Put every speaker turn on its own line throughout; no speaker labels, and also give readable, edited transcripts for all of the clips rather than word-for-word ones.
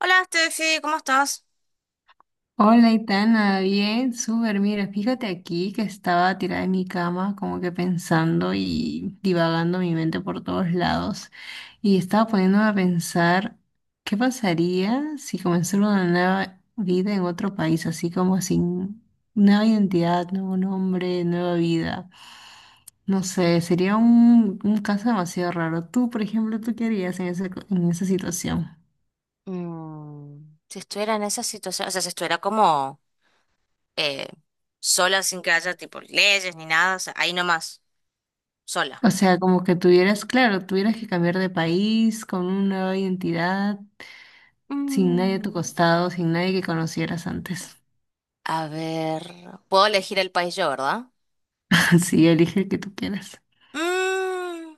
Hola, Steffi, ¿cómo estás?
Hola, Itana, bien, súper. Mira, fíjate aquí que estaba tirada en mi cama, como que pensando y divagando mi mente por todos lados. Y estaba poniéndome a pensar, ¿qué pasaría si comenzara una nueva vida en otro país, así como sin nueva identidad, nuevo nombre, nueva vida? No sé, sería un caso demasiado raro. Tú, por ejemplo, ¿tú qué harías en esa situación?
Si estuviera en esa situación, o sea, si estuviera como eh, sola sin que haya tipo leyes ni nada, o sea, ahí nomás, sola.
O sea, como que tuvieras, claro, tuvieras que cambiar de país con una nueva identidad, sin nadie a tu
Mm,
costado, sin nadie que conocieras antes.
a ver, puedo elegir el país yo, ¿verdad?
Sí, elige el que tú quieras.
Mm,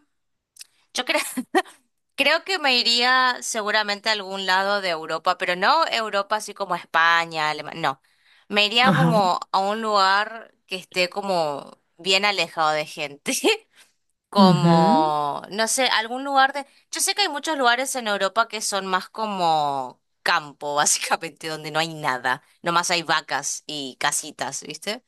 yo creo, creo que me iría seguramente a algún lado de Europa, pero no Europa así como España, Alemania, no. Me iría
Ajá.
como a un lugar que esté como bien alejado de gente.
Ujú.
Como, no sé, algún lugar de... Yo sé que hay muchos lugares en Europa que son más como campo, básicamente, donde no hay nada, nomás hay vacas y casitas, ¿viste?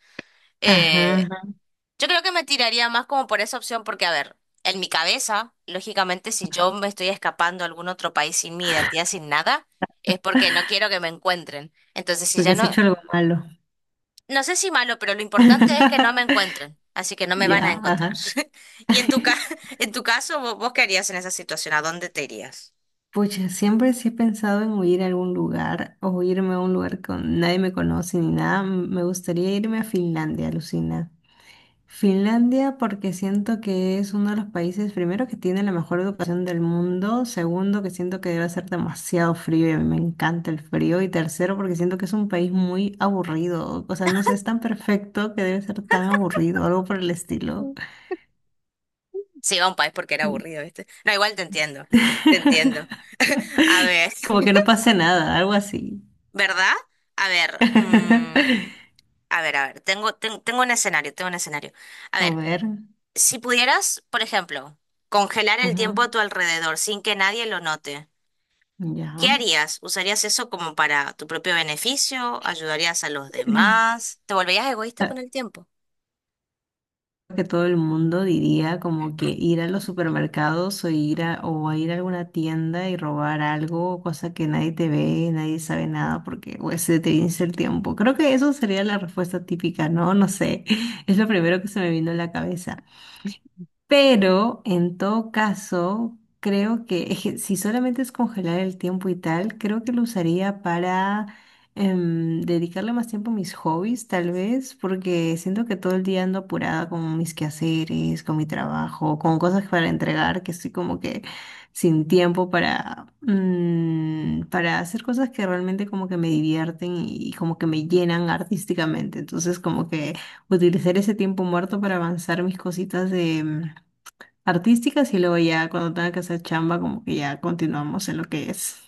Ajá,
Eh,
ajá,
yo creo que me tiraría más como por esa opción porque, a ver, en mi cabeza, lógicamente, si yo me estoy escapando a algún otro país sin mi identidad, sin nada, es porque no quiero que me encuentren. Entonces, si
porque
ya
has
no,
hecho algo malo.
no sé si malo, pero lo importante es que no me encuentren, así que no me
Ya,
van a encontrar.
ajá.
Y en tu caso, ¿vos, qué harías en esa situación? ¿A dónde te irías?
Pucha, siempre sí he pensado en huir a algún lugar o irme a un lugar con nadie me conoce ni nada. Me gustaría irme a Finlandia, alucina. Finlandia porque siento que es uno de los países, primero, que tiene la mejor educación del mundo, segundo, que siento que debe ser demasiado frío y a mí me encanta el frío, y tercero, porque siento que es un país muy aburrido, o sea, no sé, es tan perfecto que debe ser tan aburrido, algo por el estilo.
Sí, a un país porque era
Sí.
aburrido, ¿viste? No, igual te entiendo, te entiendo. A ver,
Como que no pase nada, algo así.
¿verdad? A ver, a ver, a ver, tengo un escenario, tengo un escenario. A
A
ver,
ver,
si pudieras, por ejemplo, congelar el
ujú,
tiempo a tu alrededor sin que nadie lo note. ¿Qué
ya.
harías? ¿Usarías eso como para tu propio beneficio? ¿Ayudarías a los demás? ¿Te volverías egoísta con el tiempo?
Que todo el mundo diría como que ir a los supermercados o ir a, o a ir a alguna tienda y robar algo, cosa que nadie te ve, nadie sabe nada porque pues, se te vence el tiempo. Creo que eso sería la respuesta típica, ¿no? No sé, es lo primero que se me vino a la cabeza. Pero en todo caso, creo que, es que si solamente es congelar el tiempo y tal, creo que lo usaría para dedicarle más tiempo a mis hobbies, tal vez, porque siento que todo el día ando apurada con mis quehaceres, con mi trabajo, con cosas para entregar, que estoy como que sin tiempo para, para hacer cosas que realmente como que me divierten y como que me llenan artísticamente. Entonces, como que utilizar ese tiempo muerto para avanzar mis cositas de, artísticas y luego ya cuando tenga que hacer chamba, como que ya continuamos en lo que es.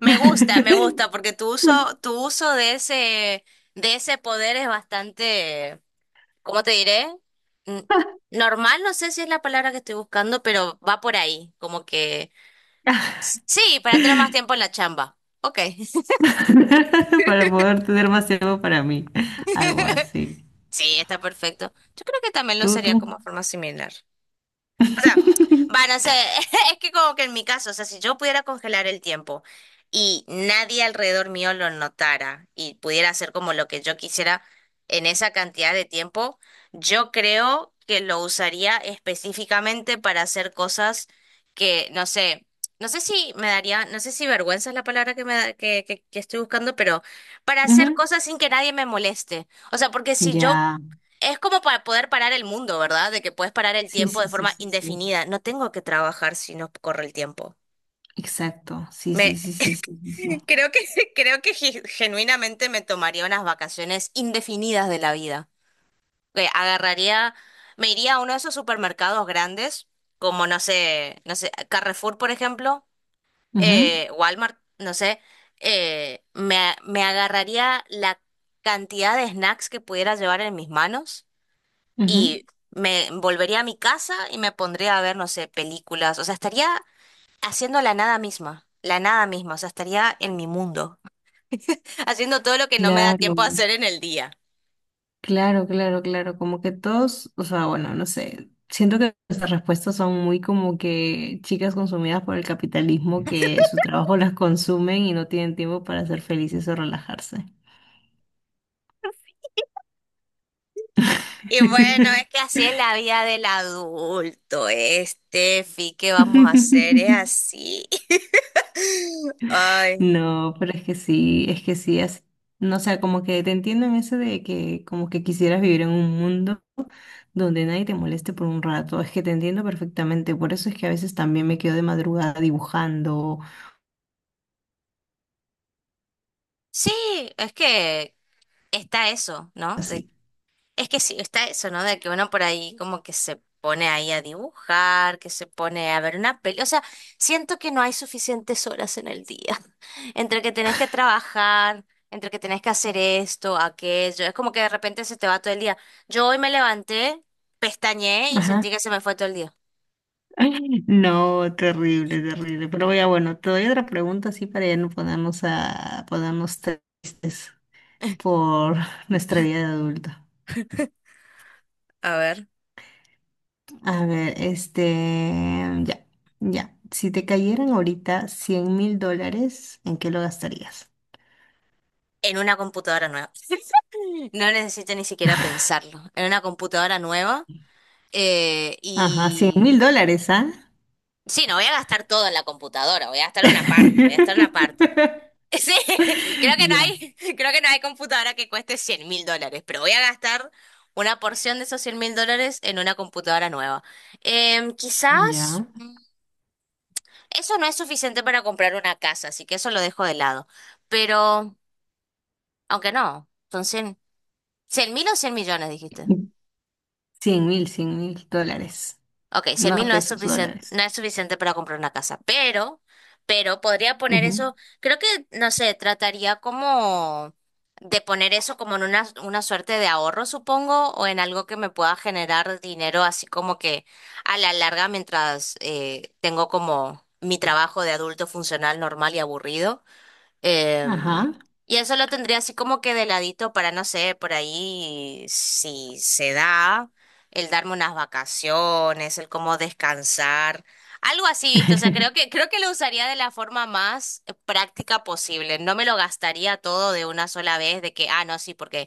Me gusta, porque
Ok.
tu uso de ese poder es bastante, ¿cómo te diré? Mm, Normal, no sé si es la palabra que estoy buscando, pero va por ahí, como que sí, para tener más tiempo en la chamba. Ok.
Para poder tener más tiempo para mí. Algo así.
Sí, está perfecto. Yo creo que también lo
Tú,
usaría
tú.
como forma similar. O sea, van a ser es que como que en mi caso, o sea, si yo pudiera congelar el tiempo y nadie alrededor mío lo notara y pudiera hacer como lo que yo quisiera en esa cantidad de tiempo, yo creo que lo usaría específicamente para hacer cosas que, no sé, no sé si me daría, no sé si vergüenza es la palabra que me da- que estoy buscando, pero para hacer
Ujú.
cosas sin que nadie me moleste. O sea, porque si yo
Ya.
es como para poder parar el mundo, ¿verdad? De que puedes parar el
Sí,
tiempo
sí,
de
sí,
forma
sí, sí.
indefinida. No tengo que trabajar si no corre el tiempo.
Exacto. Sí, sí,
Me
sí, sí, sí, sí, sí.
creo que creo que genuinamente me tomaría unas vacaciones indefinidas de la vida. Que agarraría, me iría a uno de esos supermercados grandes, como no sé, no sé, Carrefour, por ejemplo,
Ujú,
Walmart, no sé. Me agarraría la cantidad de snacks que pudiera llevar en mis manos
ujú.
y me volvería a mi casa y me pondría a ver, no sé, películas. O sea, estaría haciendo la nada misma, la nada misma. O sea, estaría en mi mundo, haciendo todo lo que no me da
Claro.
tiempo a hacer en el día.
Claro, claro, claro, como que todos, o sea, bueno, no sé, siento que nuestras respuestas son muy como que chicas consumidas por el capitalismo que su trabajo las consumen y no tienen tiempo para ser felices o relajarse.
Y bueno, es que así es la vida del adulto, este, Fi, ¿qué vamos a hacer? Es así. Ay.
No, pero es que sí, así- no sé, como que te entiendo en ese de que como que quisieras vivir en un mundo donde nadie te moleste por un rato, es que te entiendo perfectamente, por eso es que a veces también me quedo de madrugada dibujando,
Sí, es que está eso, ¿no?
así.
Es que sí, está eso, ¿no? De que uno por ahí como que se pone ahí a dibujar, que se pone a ver una peli. O sea, siento que no hay suficientes horas en el día. Entre que tenés que trabajar, entre que tenés que hacer esto, aquello. Es como que de repente se te va todo el día. Yo hoy me levanté, pestañeé y
Ajá.
sentí que se me fue todo el día.
No, terrible, terrible. Pero ya bueno, te doy otra pregunta así para ya no ponernos tristes por nuestra vida de adulto.
A ver.
A ver, este, ya, ya. Si te cayeran ahorita $100.000, ¿en qué lo gastarías?
En una computadora nueva. No necesito ni siquiera pensarlo. En una computadora nueva. eh,
Ajá, cien
y
mil dólares, ¿ah?
Sí, no voy a gastar todo en la computadora, voy a gastar una parte, voy a gastar una parte. Sí, creo que no
Ya,
hay, creo que no hay computadora que cueste 100.000 dólares, pero voy a gastar una porción de esos 100.000 dólares en una computadora nueva. Quizás
ya.
eso no es suficiente para comprar una casa, así que eso lo dejo de lado. Pero, aunque no, son 100 100 mil o 100.000.000, dijiste.
100 mil, $100.000.
Ok, 100 mil
No
no es
pesos,
suficiente,
dólares.
no es suficiente para comprar una casa, pero podría poner
Ujú.
eso, creo que, no sé, trataría como de poner eso como en una suerte de ahorro, supongo, o en algo que me pueda generar dinero, así como que a la larga, mientras tengo como mi trabajo de adulto funcional normal y aburrido. Em,
Ajá.
y eso lo tendría así como que de ladito para, no sé, por ahí si se da, el darme unas vacaciones, el cómo descansar, algo así, ¿viste? O sea, creo que lo usaría de la forma más práctica posible. No me lo gastaría todo de una sola vez, de que, ah, no, sí, porque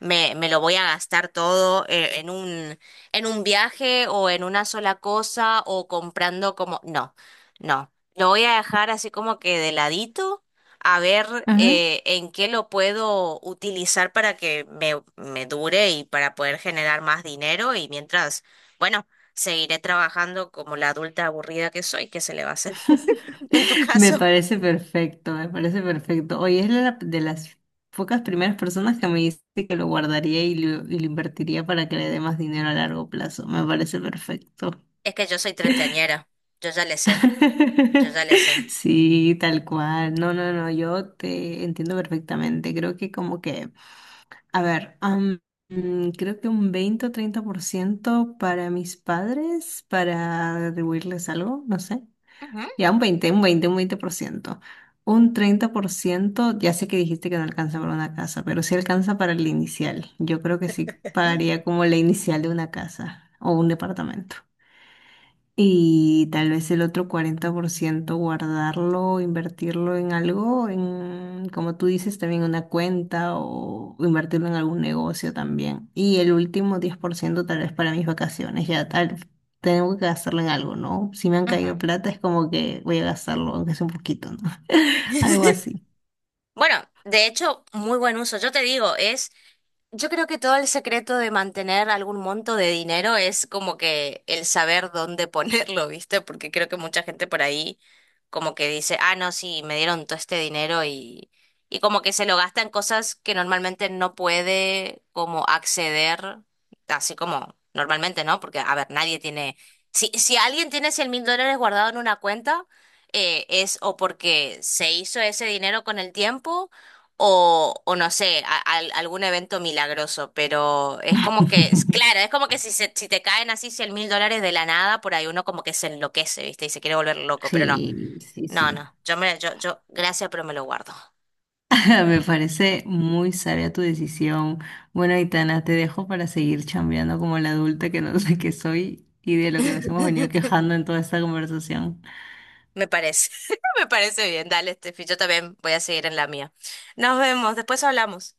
me lo voy a gastar todo en un, viaje o en una sola cosa o comprando como... No, no. Lo voy a dejar así como que de ladito a ver
Ajá.
en qué lo puedo utilizar para que me dure y para poder generar más dinero y mientras, bueno, seguiré trabajando como la adulta aburrida que soy, ¿qué se le va a hacer? En tu
Me
caso,
parece perfecto, me parece perfecto. Oye, es la- de las pocas primeras personas que me dice que lo guardaría y lo invertiría para que le dé más dinero a largo plazo. Me parece perfecto.
es que yo soy treintañera, yo ya le sé, yo ya le sé.
Sí, tal cual. No, no, no, yo te entiendo perfectamente. Creo que como que, a ver, creo que un 20 o 30% para mis padres, para atribuirles algo, no sé.
Ujú.
Ya un veinte %. Un 30%, ya sé que dijiste que no alcanza para una casa, pero sí alcanza para el inicial. Yo creo que sí pagaría como la inicial de una casa o un departamento. Y tal vez el otro 40% guardarlo, invertirlo en algo, en, como tú dices, también una cuenta o invertirlo en algún negocio también. Y el último 10% tal vez para mis vacaciones, ya tal, tengo que gastarlo en algo, ¿no? Si me han caído
Ujú.
plata es como que voy a gastarlo, aunque sea un poquito, ¿no? Algo así.
Bueno, de hecho, muy buen uso. Yo te digo, es Yo creo que todo el secreto de mantener algún monto de dinero es como que el saber dónde ponerlo, ¿viste? Porque creo que mucha gente por ahí como que dice, ah, no, sí, me dieron todo este dinero y como que se lo gasta en cosas que normalmente no puede como acceder, así como normalmente, ¿no? Porque, a ver, nadie tiene, si alguien tiene 100.000 dólares guardado en una cuenta, es o porque se hizo ese dinero con el tiempo o no sé, algún evento milagroso, pero es como que, es, claro, es como que si te caen así 100.000 dólares de la nada, por ahí uno como que se enloquece, ¿viste? Y se quiere volver loco, pero no,
Sí, sí,
no,
sí.
no, yo, gracias, pero me lo guardo.
Me parece muy sabia tu decisión. Bueno, Aitana, te dejo para seguir chambeando como la adulta que no sé qué soy y de lo que nos hemos venido quejando en toda esta conversación.
Me parece, me parece bien, dale, Steffi, yo también voy a seguir en la mía. Nos vemos, después hablamos.